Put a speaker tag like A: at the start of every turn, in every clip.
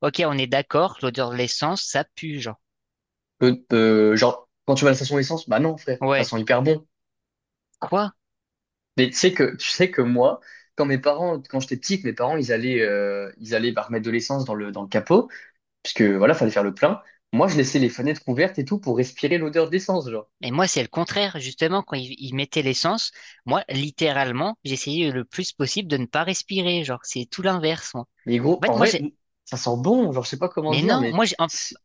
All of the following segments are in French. A: Ok, on est d'accord, l'odeur de l'essence, ça pue, genre.
B: Genre, quand tu vas à la station essence, bah non, frère, ça
A: Ouais.
B: sent hyper bon.
A: Quoi?
B: Mais tu sais que, moi, quand mes parents, quand j'étais petit, que mes parents, ils allaient bah, remettre de l'essence dans le capot, puisque voilà, fallait faire le plein. Moi, je laissais les fenêtres ouvertes et tout pour respirer l'odeur d'essence, genre.
A: Mais moi, c'est le contraire, justement, quand ils mettaient l'essence, moi, littéralement, j'essayais le plus possible de ne pas respirer, genre, c'est tout l'inverse, moi.
B: Mais gros,
A: En
B: en
A: fait, moi,
B: vrai,
A: j'ai,
B: ça sent bon, genre, je sais pas comment
A: mais
B: dire,
A: non,
B: mais
A: moi, j'ai,
B: c'est-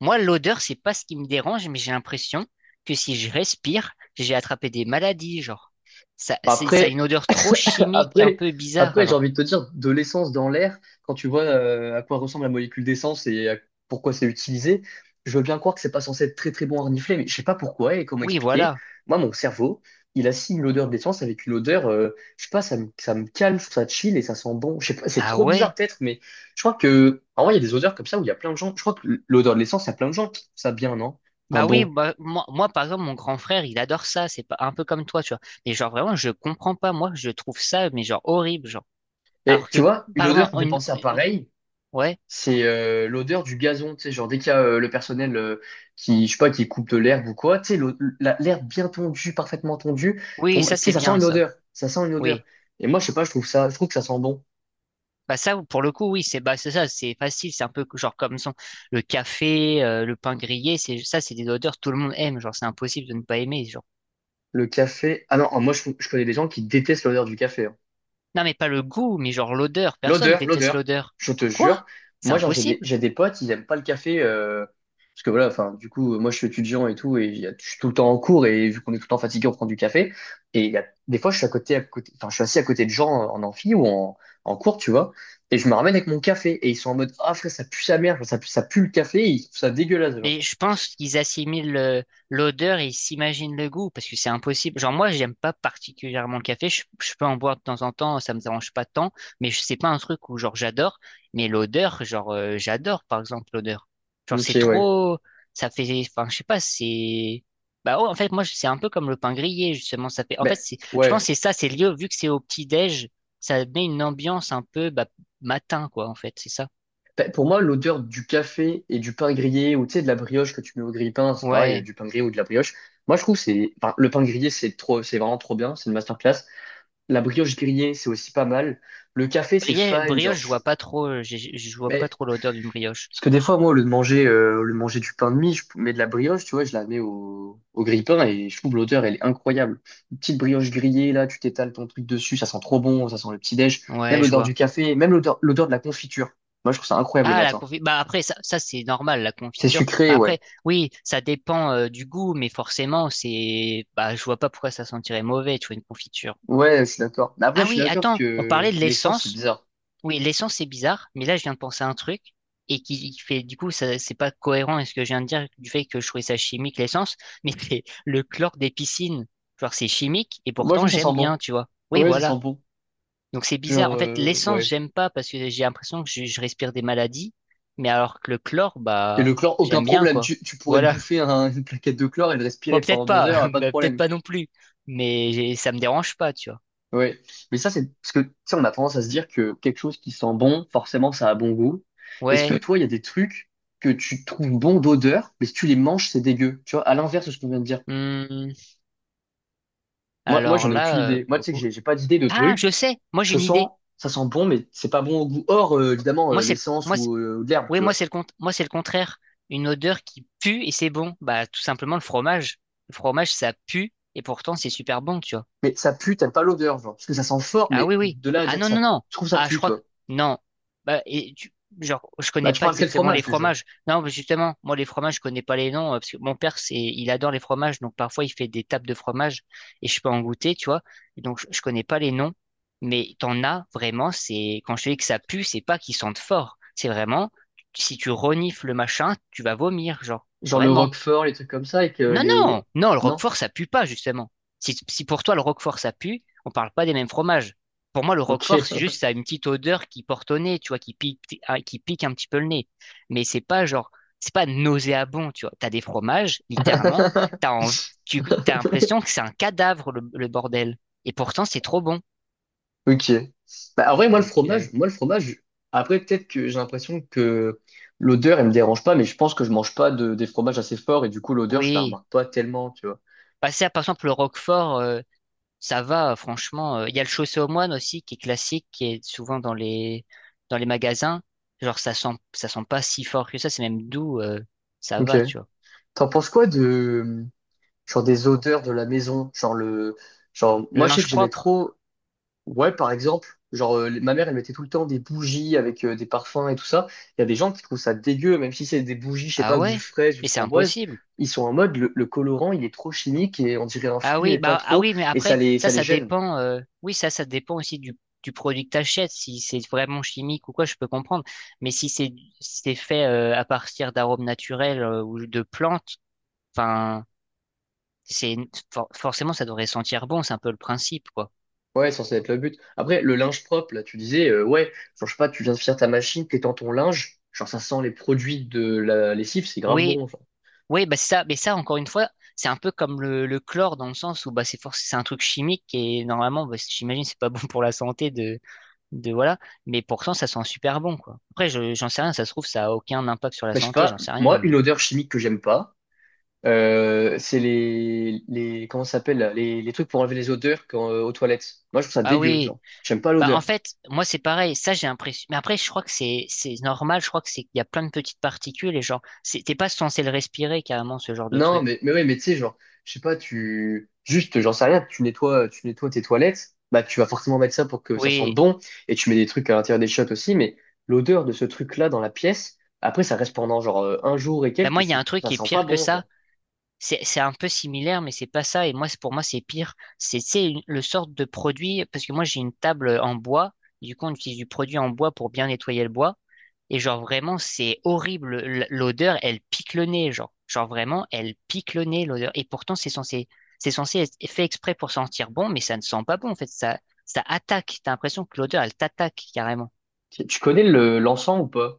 A: moi, l'odeur, c'est pas ce qui me dérange, mais j'ai l'impression que si je respire, j'ai attrapé des maladies, genre. Ça,
B: bah,
A: c'est, ça a une
B: après.
A: odeur trop chimique, un
B: Après,
A: peu bizarre,
B: après j'ai
A: genre.
B: envie de te dire, de l'essence dans l'air, quand tu vois à quoi ressemble la molécule d'essence pourquoi c'est utilisé, je veux bien croire que c'est pas censé être très très bon à renifler, mais je sais pas pourquoi et comment
A: Oui,
B: expliquer.
A: voilà.
B: Moi, mon cerveau, il assigne l'odeur d'essence avec une odeur, je sais pas, ça me calme, ça chill et ça sent bon. Je sais pas, c'est
A: Ah
B: trop bizarre
A: ouais?
B: peut-être, mais je crois que, en vrai, il y a des odeurs comme ça où il y a plein de gens, je crois que l'odeur de l'essence, il y a plein de gens qui trouvent ça bien, non? Un
A: Bah oui,
B: bon.
A: bah, moi, moi, par exemple, mon grand frère, il adore ça, c'est pas un peu comme toi, tu vois. Mais genre vraiment, je comprends pas, moi, je trouve ça, mais genre horrible, genre.
B: Et
A: Alors que,
B: tu vois, une
A: pardon,
B: odeur qui me fait penser à pareil.
A: ouais,
B: C'est l'odeur du gazon, tu sais, genre dès qu'il y a le personnel qui, je sais pas, qui coupe de l'herbe ou quoi, tu sais, l'herbe bien tondue, parfaitement tondue, pour
A: oui,
B: moi,
A: ça
B: tu sais,
A: c'est
B: ça sent
A: bien,
B: une
A: ça,
B: odeur, ça sent une odeur.
A: oui.
B: Et moi, je sais pas, je trouve ça, je trouve que ça sent bon.
A: Bah ça, pour le coup, oui, c'est bah c'est ça, c'est facile, c'est un peu genre comme son le café, le pain grillé, c'est ça, c'est des odeurs tout le monde aime, genre c'est impossible de ne pas aimer, genre.
B: Le café, ah non, je connais des gens qui détestent l'odeur du café, hein.
A: Non mais pas le goût, mais genre l'odeur, personne
B: L'odeur,
A: déteste
B: l'odeur,
A: l'odeur.
B: je te
A: Quoi?
B: jure.
A: C'est
B: Moi, genre,
A: impossible.
B: j'ai des potes, ils aiment pas le café, parce que voilà, enfin, du coup, moi, je suis étudiant et tout, et je suis tout le temps en cours, et vu qu'on est tout le temps fatigué, on prend du café. Et il y a, des fois, je suis assis à côté de gens en amphi ou en, en cours, tu vois, et je me ramène avec mon café, et ils sont en mode, ah, frère, ça pue sa mère, ça pue le café, et ils trouvent ça dégueulasse, genre.
A: Mais je pense qu'ils assimilent l'odeur et ils s'imaginent le goût parce que c'est impossible. Genre moi, j'aime pas particulièrement le café. Je peux en boire de temps en temps, ça me dérange pas tant. Mais c'est pas un truc où genre j'adore. Mais l'odeur, genre j'adore par exemple l'odeur. Genre c'est
B: Ok, ouais.
A: trop, ça fait, enfin je sais pas, c'est. Bah oh, en fait moi c'est un peu comme le pain grillé justement. Ça fait, en fait
B: Ben,
A: c'est, je pense
B: ouais.
A: que c'est ça, c'est lié vu que c'est au petit déj, ça met une ambiance un peu bah, matin quoi en fait, c'est ça.
B: Pour moi, l'odeur du café et du pain grillé ou tu sais, de la brioche que tu mets au grille-pain, c'est pareil,
A: Ouais.
B: du pain grillé ou de la brioche. Moi, je trouve que le pain grillé, c'est vraiment trop bien, c'est une masterclass. La brioche grillée, c'est aussi pas mal. Le café, c'est
A: Brie-
B: fine,
A: brioche,
B: genre.
A: je vois pas trop, vois pas
B: Mais
A: trop l'odeur d'une brioche.
B: parce que des fois, moi, au lieu de manger du pain de mie, je mets de la brioche, tu vois, je la mets au grille-pain et je trouve l'odeur, elle est incroyable. Une petite brioche grillée, là, tu t'étales ton truc dessus, ça sent trop bon, ça sent le petit déj. Même
A: Ouais, je
B: l'odeur
A: vois.
B: du café, l'odeur de la confiture. Moi, je trouve ça incroyable le
A: Ah, la
B: matin.
A: confiture. Bah après, ça c'est normal, la
B: C'est
A: confiture.
B: sucré,
A: Bah,
B: ouais.
A: après, oui, ça dépend du goût, mais forcément, c'est, bah, je vois pas pourquoi ça sentirait mauvais, tu vois, une confiture.
B: Ouais, je suis d'accord. Mais après,
A: Ah
B: je suis
A: oui,
B: d'accord
A: attends, on
B: que
A: parlait de
B: l'essence, c'est
A: l'essence.
B: bizarre.
A: Oui, l'essence c'est bizarre, mais là je viens de penser à un truc et qui fait, du coup, ça, c'est pas cohérent avec ce que je viens de dire du fait que je trouvais ça chimique l'essence, mais c'est le chlore des piscines. Genre c'est chimique et
B: Moi, je trouve
A: pourtant
B: que ça
A: j'aime
B: sent
A: bien,
B: bon.
A: tu vois. Oui,
B: Ouais, ça
A: voilà.
B: sent bon.
A: Donc c'est bizarre.
B: Genre,
A: En fait, l'essence,
B: ouais.
A: j'aime pas parce que j'ai l'impression que je respire des maladies, mais alors que le chlore,
B: Et le
A: bah,
B: chlore, aucun
A: j'aime bien,
B: problème.
A: quoi.
B: Tu pourrais te
A: Voilà.
B: bouffer une plaquette de chlore et le
A: Bon,
B: respirer
A: peut-être
B: pendant deux
A: pas,
B: heures, pas de
A: bah, peut-être
B: problème.
A: pas non plus, mais ça me dérange pas, tu vois.
B: Ouais. Mais ça, c'est parce que, tu sais, on a tendance à se dire que quelque chose qui sent bon, forcément, ça a bon goût. Est-ce que
A: Ouais.
B: toi, il y a des trucs que tu trouves bon d'odeur, mais si tu les manges, c'est dégueu. Tu vois, à l'inverse de ce qu'on vient de dire.
A: Hmm.
B: Moi,
A: Alors
B: j'en ai aucune
A: là,
B: idée.
A: pour
B: Moi,
A: le
B: tu sais que
A: coup.
B: j'ai pas d'idée de
A: Ah, je
B: trucs.
A: sais. Moi, j'ai
B: je
A: une
B: sens,
A: idée.
B: ça sent bon, mais c'est pas bon au goût. Or, évidemment,
A: Moi, c'est
B: l'essence
A: moi, c'est-
B: ou de l'herbe,
A: oui,
B: tu
A: moi,
B: vois.
A: c'est moi, c'est le contraire. Une odeur qui pue et c'est bon. Bah, tout simplement le fromage. Le fromage, ça pue et pourtant c'est super bon, tu vois.
B: Mais ça pue, t'aimes pas l'odeur, genre. Parce que ça sent fort,
A: Ah
B: mais
A: oui, oui.
B: de là à
A: Ah
B: dire que
A: non, non,
B: ça,
A: non.
B: je trouve ça
A: Ah, je
B: pue,
A: crois que...
B: toi.
A: Non. Bah, et Genre, je
B: Bah,
A: connais
B: tu
A: pas
B: parles quel
A: exactement les
B: fromage, déjà?
A: fromages. Non, mais justement, moi, les fromages, je connais pas les noms, parce que mon père, c'est, il adore les fromages, donc parfois, il fait des tables de fromage, et je peux en goûter, tu vois. Et donc, je connais pas les noms, mais t'en as vraiment, c'est, quand je te dis que ça pue, c'est pas qu'ils sentent fort. C'est vraiment, si tu renifles le machin, tu vas vomir, genre,
B: Genre le
A: vraiment.
B: Roquefort, les trucs comme ça, et que
A: Non,
B: les...
A: non, non, le
B: Non?
A: roquefort, ça pue pas, justement. Si, si pour toi le roquefort, ça pue, on parle pas des mêmes fromages. Pour moi, le
B: Ok.
A: roquefort, c'est juste, ça a une petite odeur qui porte au nez, tu vois, qui pique, ah, qui pique un petit peu le nez. Mais c'est pas genre, c'est pas nauséabond, tu vois. T'as des fromages, littéralement, t'as envie, tu, t'as l'impression que c'est un cadavre, le bordel. Et pourtant, c'est trop bon.
B: Ok. Bah, en vrai,
A: Donc,
B: moi, le fromage, après, peut-être que j'ai l'impression que l'odeur, elle me dérange pas, mais je pense que je mange pas de, des fromages assez forts, et du coup, l'odeur, je la
A: oui.
B: remarque pas tellement, tu vois.
A: Passer à, par exemple, le roquefort, ça va, franchement. Il y a le chaussé aux moines aussi, qui est classique, qui est souvent dans les magasins. Genre, ça sent pas si fort que ça, c'est même doux, ça
B: Ok.
A: va, tu vois.
B: T'en penses quoi de, genre des odeurs de la maison, genre
A: Le
B: moi je sais
A: linge
B: que j'aimais
A: propre?
B: trop, ouais par exemple, genre ma mère elle mettait tout le temps des bougies avec des parfums et tout ça. Il y a des gens qui trouvent ça dégueu, même si c'est des bougies, je sais
A: Ah
B: pas, goût
A: ouais?
B: fraise ou
A: Mais c'est
B: framboise,
A: impossible.
B: ils sont en mode le colorant il est trop chimique et on dirait un
A: Ah
B: fruit
A: oui,
B: mais pas
A: bah, ah
B: trop
A: oui, mais
B: et
A: après, ça,
B: ça les
A: ça
B: gêne.
A: dépend, oui, ça dépend aussi du, produit que t'achètes. Si c'est vraiment chimique ou quoi, je peux comprendre. Mais si c'est fait, à partir d'arômes naturels, ou de plantes, enfin, c'est, forcément, ça devrait sentir bon, c'est un peu le principe, quoi.
B: Ouais, c'est censé être le but. Après, le linge propre, là, tu disais, ouais, genre, je sais pas, tu viens de faire ta machine, t'es dans ton linge, genre, ça sent les produits de la lessive, c'est grave
A: Oui,
B: bon, genre.
A: oui, bah c'est ça, mais ça, encore une fois, c'est un peu comme le chlore dans le sens où bah, c'est un truc chimique et normalement, bah, j'imagine, c'est pas bon pour la santé de voilà, mais pourtant, ça sent super bon, quoi. Après, j'en sais rien, ça se trouve, ça a aucun impact sur la
B: Mais je sais
A: santé,
B: pas,
A: j'en sais rien,
B: moi, une
A: mais.
B: odeur chimique que j'aime pas, c'est comment ça s'appelle, là les trucs pour enlever les odeurs quand, aux toilettes. Moi, je trouve ça
A: Ah
B: dégueu,
A: oui,
B: genre. J'aime pas
A: bah en
B: l'odeur.
A: fait, moi, c'est pareil, ça, j'ai l'impression. Mais après, je crois que c'est normal, je crois que c'est qu'il y a plein de petites particules et genre, t'es pas censé le respirer carrément, ce genre de
B: Non,
A: truc.
B: mais ouais, mais tu sais, genre, je sais pas, j'en sais rien, tu nettoies tes toilettes, bah, tu vas forcément mettre ça pour que ça sente
A: Oui,
B: bon, et tu mets des trucs à l'intérieur des chiottes aussi, mais l'odeur de ce truc-là dans la pièce, après, ça reste pendant, genre, un jour et
A: bah
B: quelques, et
A: moi, il y a un truc
B: ça
A: qui est
B: sent pas
A: pire que
B: bon,
A: ça.
B: genre.
A: C'est un peu similaire, mais c'est pas ça. Et moi, pour moi, c'est pire. C'est le sorte de produit, parce que moi, j'ai une table en bois. Du coup, on utilise du produit en bois pour bien nettoyer le bois. Et genre, vraiment, c'est horrible. L'odeur, elle pique le nez, genre. Genre, vraiment, elle pique le nez, l'odeur. Et pourtant, c'est censé être fait exprès pour sentir bon, mais ça ne sent pas bon, en fait. Ça attaque. T'as l'impression que l'odeur, elle t'attaque, carrément.
B: Tu connais le, l'encens ou pas?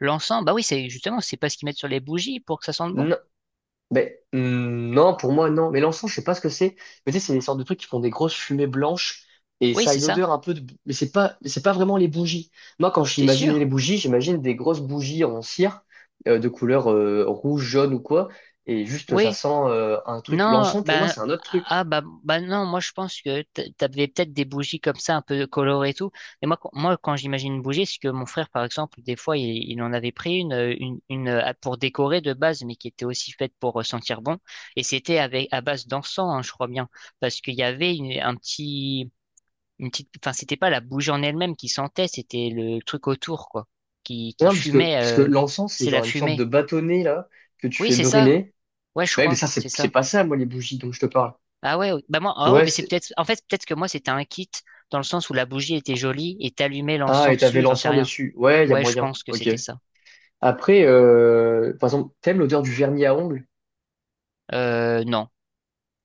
A: L'encens, bah oui, c'est justement, c'est pas ce qu'ils mettent sur les bougies pour que ça sente bon.
B: Ben, non, pour moi, non. Mais l'encens, je sais pas ce que c'est. Mais tu sais, c'est des sortes de trucs qui font des grosses fumées blanches et
A: Oui,
B: ça a
A: c'est
B: une
A: ça.
B: odeur un peu de... mais c'est pas vraiment les bougies. Moi, quand
A: T'es
B: j'imaginais les
A: sûr?
B: bougies, j'imagine des grosses bougies en cire de couleur rouge, jaune ou quoi. Et juste, ça
A: Oui.
B: sent un truc.
A: Non,
B: L'encens, pour moi,
A: ben,
B: c'est un autre truc.
A: ah, bah, bah non, moi je pense que t'avais peut-être des bougies comme ça, un peu colorées et tout. Mais moi, moi quand j'imagine une bougie, c'est que mon frère, par exemple, des fois, il en avait pris une, pour décorer de base, mais qui était aussi faite pour sentir bon. Et c'était avec, à base d'encens, hein, je crois bien. Parce qu'il y avait une petite, enfin, c'était pas la bougie en elle-même qui sentait, c'était le truc autour, quoi, qui
B: Non,
A: fumait,
B: puisque l'encens, c'est
A: c'est
B: genre
A: la
B: une sorte de
A: fumée.
B: bâtonnet, là, que tu
A: Oui,
B: fais
A: c'est ça.
B: brûler.
A: Ouais, je
B: Ouais, mais
A: crois,
B: ça,
A: c'est
B: c'est
A: ça.
B: pas ça, moi, les bougies dont je te parle.
A: Ah ouais, ouais. Bah moi, ah ouais,
B: Ouais,
A: mais c'est
B: c'est...
A: peut-être, en fait, peut-être que moi, c'était un kit dans le sens où la bougie était jolie et t'allumais
B: Ah,
A: l'encens
B: et t'avais
A: dessus, j'en sais
B: l'encens
A: rien.
B: dessus. Ouais, il y a
A: Ouais, je
B: moyen.
A: pense que
B: Ok.
A: c'était ça.
B: Après, par exemple, t'aimes l'odeur du vernis à ongles?
A: Non,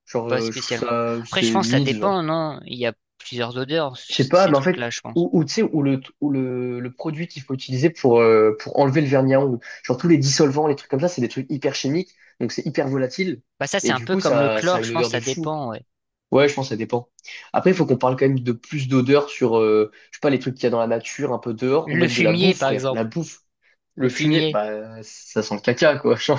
B: Genre,
A: pas
B: je trouve
A: spécialement.
B: ça,
A: Après, je
B: c'est
A: pense que ça
B: mid, genre.
A: dépend, non? Il y a plusieurs odeurs,
B: Je sais pas,
A: ces
B: mais en fait,
A: trucs-là, je pense.
B: ou tu sais, ou le produit qu'il faut utiliser pour enlever le vernis à ongles. Genre, tous les dissolvants, les trucs comme ça, c'est des trucs hyper chimiques, donc c'est hyper volatile.
A: Bah ça,
B: Et
A: c'est un
B: du
A: peu
B: coup,
A: comme le
B: ça a
A: chlore, je
B: une
A: pense
B: odeur
A: que
B: de
A: ça
B: fou.
A: dépend, ouais.
B: Ouais, je pense que ça dépend. Après, il faut qu'on parle quand même de plus d'odeur sur, je sais pas, les trucs qu'il y a dans la nature, un peu dehors, ou
A: Le
B: même de la
A: fumier,
B: bouffe,
A: par
B: frère. La
A: exemple.
B: bouffe, le
A: Le
B: fumier,
A: fumier.
B: bah, ça sent le caca, quoi. genre.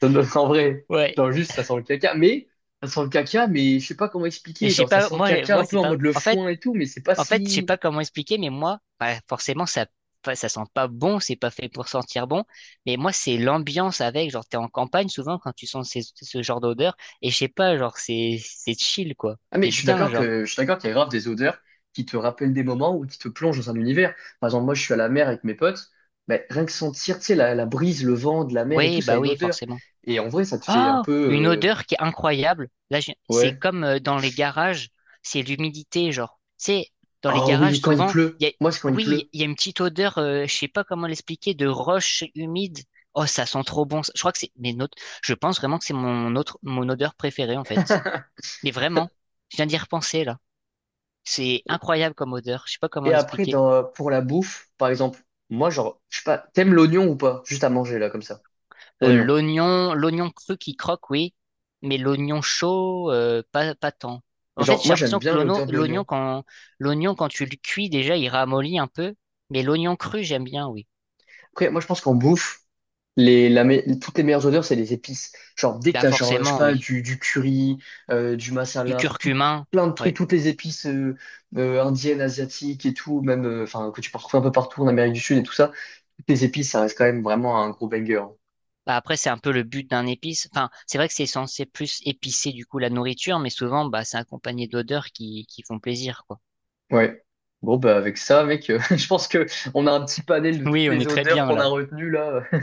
B: Ça me donne en vrai.
A: Ouais.
B: Genre juste, ça sent le caca. Mais, ça sent le caca, mais je sais pas comment
A: Et
B: expliquer.
A: je sais
B: Genre, ça
A: pas,
B: sent le
A: moi,
B: caca un
A: moi,
B: peu
A: c'est
B: en
A: pas,
B: mode le
A: en fait,
B: foin et tout, mais c'est pas
A: Je sais
B: si.
A: pas comment expliquer, mais moi, bah, forcément, ça, ça sent pas bon, c'est pas fait pour sentir bon. Mais moi, c'est l'ambiance avec, genre, t'es en campagne souvent quand tu sens ce genre d'odeur, et je sais pas, genre, c'est chill, quoi.
B: Ah, mais
A: T'es bien, genre.
B: je suis d'accord qu'il y a grave des odeurs qui te rappellent des moments ou qui te plongent dans un univers. Par exemple, moi, je suis à la mer avec mes potes. Mais rien que sentir, tu sais, la brise, le vent de la mer et tout,
A: Oui,
B: ça a
A: bah
B: une
A: oui,
B: odeur.
A: forcément.
B: Et en vrai, ça te fait un
A: Oh,
B: peu,
A: une
B: euh,
A: odeur qui est incroyable. Là, c'est
B: ouais.
A: comme dans les garages, c'est l'humidité, genre. C'est dans les
B: Oh
A: garages
B: oui, quand il
A: souvent,
B: pleut.
A: il y a,
B: Moi, c'est quand il
A: oui,
B: pleut.
A: il y a une petite odeur, je sais pas comment l'expliquer, de roche humide. Oh, ça sent trop bon. Je crois que c'est mais notes. Je pense vraiment que c'est mon autre, mon odeur préférée en fait. Mais vraiment, je viens d'y repenser là. C'est
B: Et,
A: incroyable comme odeur. Je sais pas comment
B: et après,
A: l'expliquer.
B: dans, pour la bouffe, par exemple, moi, genre, je sais pas, t'aimes l'oignon ou pas? Juste à manger, là, comme ça.
A: Euh,
B: L'oignon.
A: l'oignon, l'oignon cru qui croque, oui, mais l'oignon chaud, pas tant. En fait,
B: Genre,
A: j'ai
B: moi, j'aime
A: l'impression que
B: bien
A: l'ono-
B: l'odeur de
A: l'oignon,
B: l'oignon.
A: quand tu le cuis, déjà, il ramollit un peu, mais l'oignon cru, j'aime bien, oui.
B: Après, moi, je pense qu'en bouffe, toutes les meilleures odeurs, c'est les épices. Genre, dès que
A: Bah,
B: t'as, genre, je sais
A: forcément,
B: pas,
A: oui.
B: du curry, du
A: Du
B: masala, enfin, tout,
A: curcuma,
B: plein de trucs,
A: ouais.
B: toutes les épices indiennes, asiatiques et tout, même, que tu peux retrouver un peu partout en Amérique du Sud et tout ça, toutes les épices, ça reste quand même vraiment un gros banger, hein.
A: Bah, après, c'est un peu le but d'un épice. Enfin, c'est vrai que c'est censé plus épicer, du coup, la nourriture, mais souvent, bah, c'est accompagné d'odeurs qui font plaisir, quoi.
B: Ouais. Bon, bah, avec ça, mec, je pense que on a un petit panel de toutes
A: Oui, on
B: les
A: est très
B: odeurs
A: bien,
B: qu'on a
A: là.
B: retenues, là.